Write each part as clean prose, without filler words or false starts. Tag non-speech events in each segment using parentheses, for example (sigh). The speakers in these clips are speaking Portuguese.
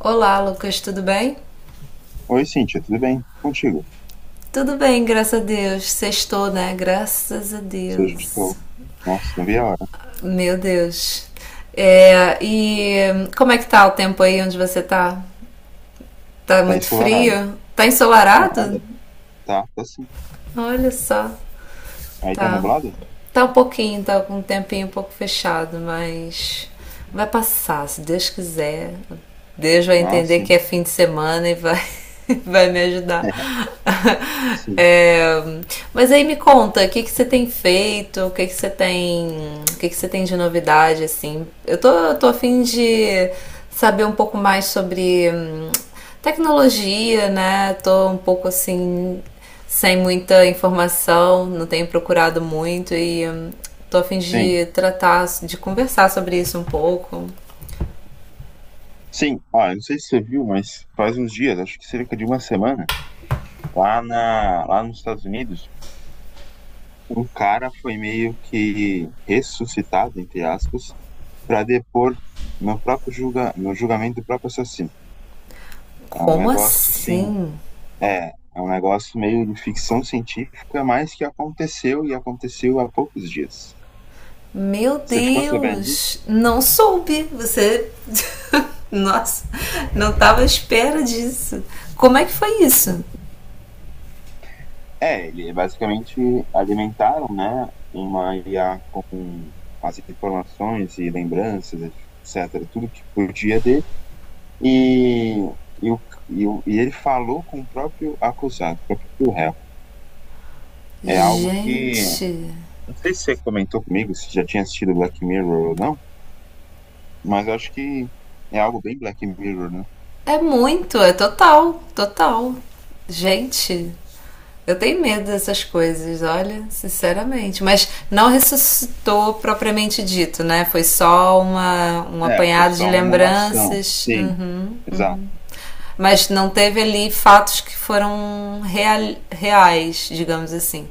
Olá, Lucas, tudo bem? Oi, Cíntia, tudo bem? Contigo? Tudo bem, graças a Deus. Sextou, né? Graças a Hoje Deus. estou. Nossa, não vi a hora. Meu Deus. É, e como é que tá o tempo aí onde você tá? Tá Tá muito ensolarado. frio? Tá ensolarado? Nada. Tá, tá sim. Olha só. Aí tá Tá. nublado? Tá um pouquinho, tá com um tempinho um pouco fechado, mas vai passar, se Deus quiser. Deus vai Ah, entender que sim. é fim de semana e vai, (laughs) vai me ajudar. (laughs) (laughs) Sim. É, mas aí me conta, o que que você tem feito? O que que você tem, o que que você tem de novidade assim? Eu tô a fim de saber um pouco mais sobre tecnologia, né? Tô um pouco assim sem muita informação, não tenho procurado muito e tô a fim Sim. de conversar sobre isso um pouco. Sim. Ah, eu não sei se você viu, mas faz uns dias, acho que cerca de uma semana, lá nos Estados Unidos, um cara foi meio que ressuscitado, entre aspas, para depor no julgamento do próprio assassino. É um Como negócio assim assim? É um negócio meio de ficção científica, mas que aconteceu e aconteceu há poucos dias. Meu Você ficou sabendo disso? Deus, não soube. Você. (laughs) Nossa, não tava à espera disso. Como é que foi isso? É, ele basicamente alimentaram, né, uma IA com as informações e lembranças, etc., tudo que podia dele, e, e, o- e ele falou com o próprio acusado, o próprio réu. É algo que, Gente, não sei se você comentou comigo, se já tinha assistido Black Mirror ou não, mas eu acho que é algo bem Black Mirror, né? é muito, é total, total. Gente, eu tenho medo dessas coisas, olha, sinceramente. Mas não ressuscitou propriamente dito, né? Foi só um É, foi apanhado só de uma emulação. lembranças. Sim, Uhum, exato. uhum. Mas não teve ali fatos que foram reais, digamos assim.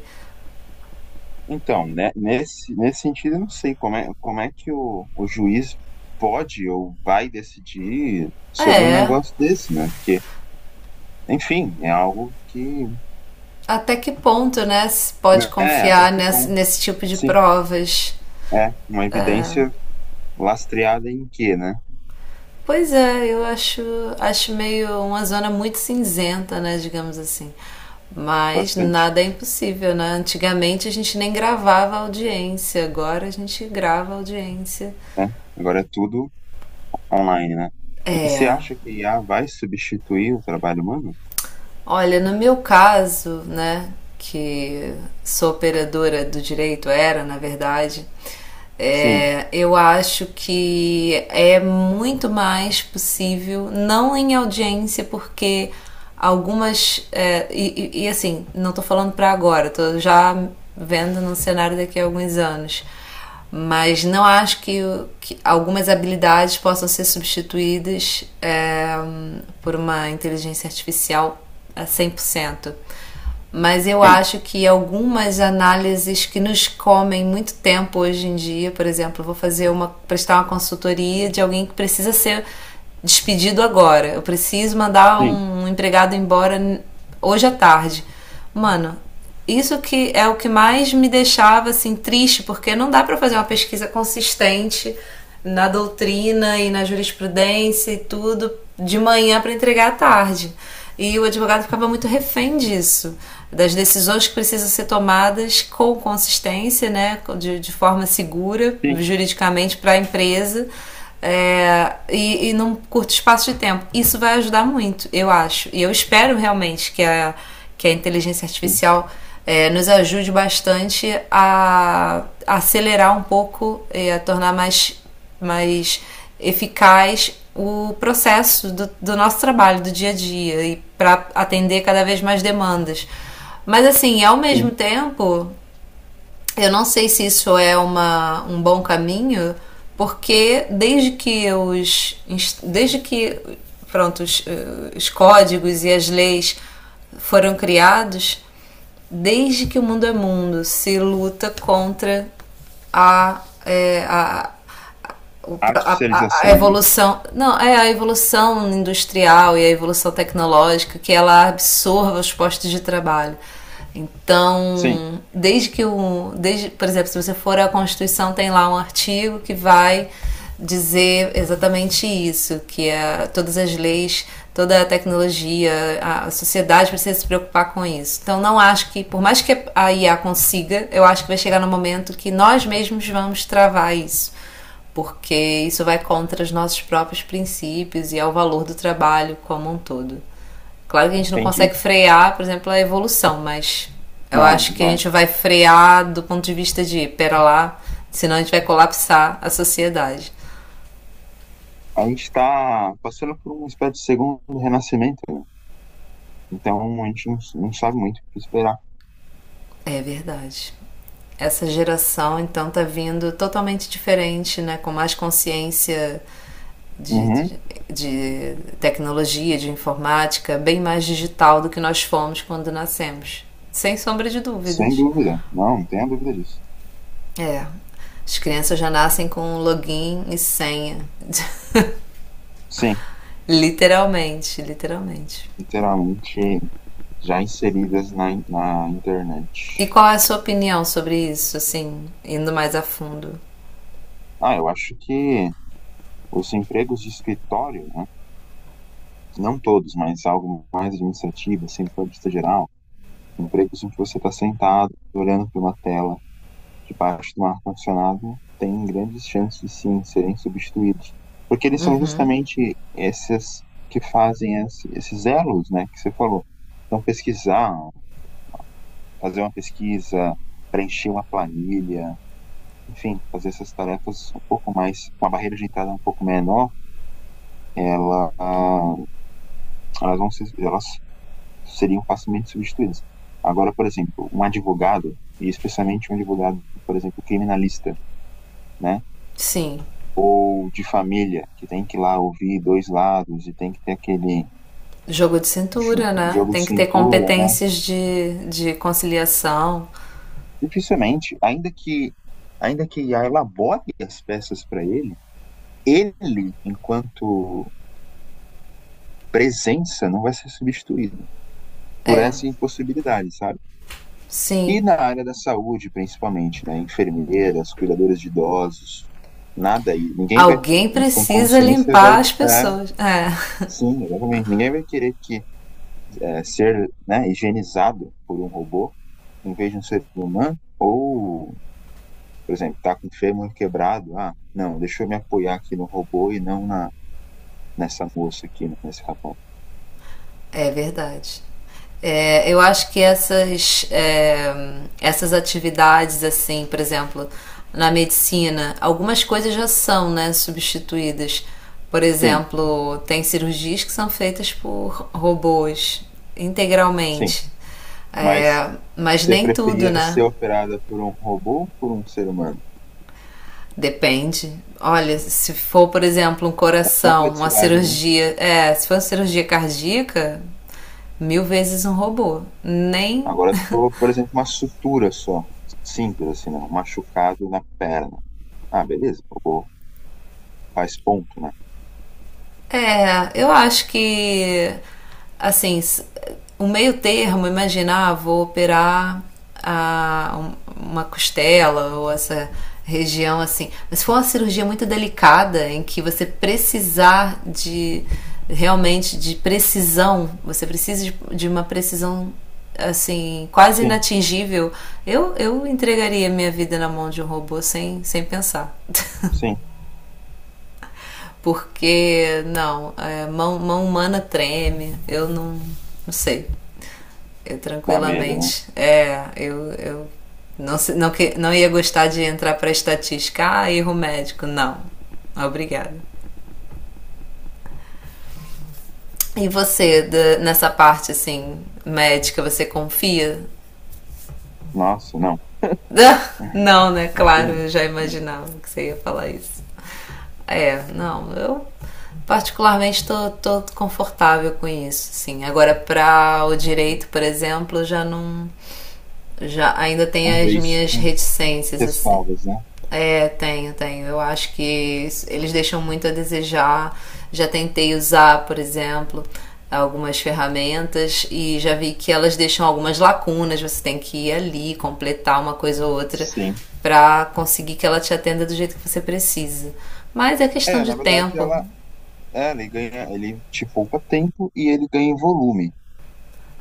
Então, né, nesse sentido, eu não sei como é que o juiz pode ou vai decidir sobre um É, negócio desse, né? Porque, enfim, é algo que, até que ponto, né? Se pode né, até confiar que nesse, ponto, nesse tipo de sim, provas? é uma evidência lastreada em quê, né? Pois é, eu acho meio uma zona muito cinzenta, né, digamos assim. Mas Bastante, nada é impossível, né? Antigamente a gente nem gravava audiência, agora a gente grava audiência. né? Agora é tudo online, né? E você É. acha que IA vai substituir o trabalho humano? Olha, no meu caso, né, que sou operadora do direito, era na verdade, Sim, eu acho que é muito mais possível, não em audiência, porque algumas. É, e, assim, não estou falando para agora, estou já vendo no cenário daqui a alguns anos, mas não acho que algumas habilidades possam ser substituídas, por uma inteligência artificial a 100%. Mas eu sim, acho que algumas análises que nos comem muito tempo hoje em dia. Por exemplo, eu vou fazer uma prestar uma consultoria de alguém que precisa ser despedido agora. Eu preciso mandar sim, um empregado embora hoje à tarde. Mano, isso que é o que mais me deixava assim triste, porque não dá para fazer uma pesquisa consistente na doutrina e na jurisprudência e tudo de manhã para entregar à sim, tarde. E o advogado ficava muito refém disso, das decisões que precisam ser tomadas com consistência, né, de forma segura juridicamente para a empresa, é, e num curto espaço de tempo. Isso vai ajudar muito, eu acho. E eu espero realmente que a inteligência sim, artificial, nos ajude bastante a acelerar um pouco e a tornar mais eficaz o processo do nosso trabalho, do dia a dia, e para atender cada vez mais demandas. Mas assim, ao mesmo sim. tempo, eu não sei se isso é um bom caminho, porque desde que pronto, os códigos e as leis foram criados, desde que o mundo é mundo, se luta contra a, eh, a, o, a, a Artificialização, né? evolução, não, é a evolução industrial e a evolução tecnológica que ela absorva os postos de trabalho. Sim, Então, desde, por exemplo, se você for à Constituição, tem lá um artigo que vai dizer exatamente isso, que é, todas as leis, toda a tecnologia, a sociedade precisa se preocupar com isso. Então, não acho que, por mais que a IA consiga, eu acho que vai chegar no momento que nós mesmos vamos travar isso, porque isso vai contra os nossos próprios princípios e ao valor do trabalho como um todo. Claro que a gente não entendi. consegue frear, por exemplo, a evolução, mas eu acho Não, que a vai. gente vai frear do ponto de vista de pera lá, senão a gente vai colapsar a sociedade. A gente está passando por uma espécie de segundo renascimento, né? Então a gente não sabe muito o que esperar. É verdade. Essa geração então tá vindo totalmente diferente, né, com mais consciência de, Uhum, de, de tecnologia, de informática, bem mais digital do que nós fomos quando nascemos. Sem sombra de sem dúvidas. dúvida. Não, não tenha dúvida disso. É. As crianças já nascem com um login e senha. (laughs) Sim, Literalmente, literalmente. literalmente já inseridas na internet. E qual é a sua opinião sobre isso, assim, indo mais a fundo? Ah, eu acho que os empregos de escritório, né? Não todos, mas algo mais administrativo, assim, para vista geral, empregos em que você está sentado, olhando para uma tela debaixo do ar-condicionado têm grandes chances, sim, de serem substituídos. Porque eles são justamente esses que fazem esses elos, né, que você falou. Então, pesquisar, fazer uma pesquisa, preencher uma planilha, enfim, fazer essas tarefas um pouco mais, com a barreira de entrada um pouco menor, ela, ah, elas seriam facilmente substituídas. Agora, por exemplo, um advogado, e especialmente um advogado, por exemplo, criminalista, né? Sim, Tipo de família, que tem que ir lá ouvir dois lados e tem que ter aquele jogo de cintura, né? jogo de Tem que ter cintura, né? competências de conciliação. Dificilmente, ainda que IA elabore as peças para ele, ele, enquanto presença, não vai ser substituído por É, essa impossibilidade, sabe? sim. E na área da saúde, principalmente, né? Enfermeiras, cuidadoras de idosos, nada aí. Ninguém vai, Alguém em sã precisa consciência, vai. limpar as É, pessoas. É. sim, exatamente. Ninguém vai querer que é, ser né, higienizado por um robô em vez de um ser humano, ou, por exemplo, tá com o fêmur quebrado, ah, não, deixa eu me apoiar aqui no robô e não na, nessa moça aqui, né, nesse rapaz. É verdade. É, eu acho que essas atividades, assim, por exemplo, na medicina, algumas coisas já são, né, substituídas. Por Sim, exemplo, tem cirurgias que são feitas por robôs sim, integralmente. mas É, mas você nem tudo, preferia né? ser operada por um robô ou por um ser humano? Depende. Olha, se for, por exemplo, Da uma complexidade, né? cirurgia, se for uma cirurgia cardíaca, mil vezes um robô. Nem Agora, se for, por exemplo, uma sutura só, simples assim, né? Um machucado na perna. Ah, beleza, o robô faz ponto, né? é, eu acho que, assim, o meio termo, imaginar, vou operar uma costela ou essa região assim. Mas se for uma cirurgia muito delicada, em que você precisar de, realmente, de precisão, você precisa de uma precisão, assim, quase Sim, inatingível, eu entregaria minha vida na mão de um robô sem pensar. sim, Porque, não, é, mão humana treme, eu não sei. Eu dá medo, né? tranquilamente, eu não, não, não ia gostar de entrar para estatística, ah, erro médico, não. Obrigada. E você, nessa parte assim, médica, você confia? Nossa, não. (laughs) Não, né? Porto Claro, não. eu já Não. imaginava que você ia falar isso. É, não, eu particularmente tô confortável com isso, sim. Agora, para o direito, por exemplo, já não. Já Ainda tem as Talvez minhas com reticências, assim. ressalvas, né? É, tenho, tenho. Eu acho que eles deixam muito a desejar. Já tentei usar, por exemplo, algumas ferramentas e já vi que elas deixam algumas lacunas. Você tem que ir ali, completar uma coisa ou outra Sim. para conseguir que ela te atenda do jeito que você precisa. Mas é questão É, na de verdade, tempo. Ele ganha, ele te poupa tempo e ele ganha em volume,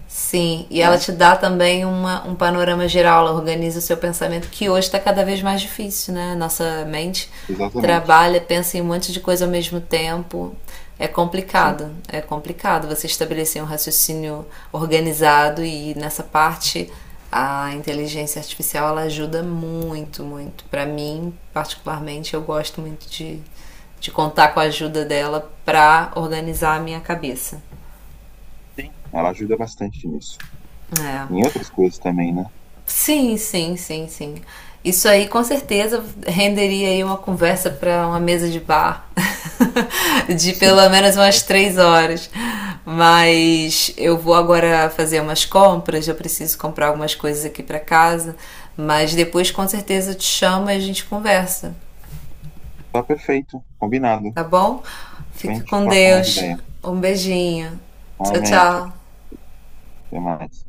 Sim, e ela né? te dá também um panorama geral, ela organiza o seu pensamento, que hoje está cada vez mais difícil, né? Nossa mente Exatamente. trabalha, pensa em um monte de coisa ao mesmo tempo. Sim. É complicado você estabelecer um raciocínio organizado, e nessa parte a inteligência artificial ela ajuda muito, muito. Para mim, particularmente, eu gosto muito de contar com a ajuda dela para organizar a minha cabeça. Sim. Ela ajuda bastante nisso. É. Em outras coisas também, né? Sim, sim, sim, sim. Isso aí com certeza renderia aí uma conversa para uma mesa de bar (laughs) de Sim. pelo menos umas 3 horas. Mas eu vou agora fazer umas compras, eu preciso comprar algumas coisas aqui para casa, mas depois com certeza eu te chamo e a gente conversa, Tá perfeito, combinado. tá bom? Depois Fica a gente com troca mais Deus. ideia. Um beijinho. Tchau, Amém. Tchau, tchau. tchau. Até mais.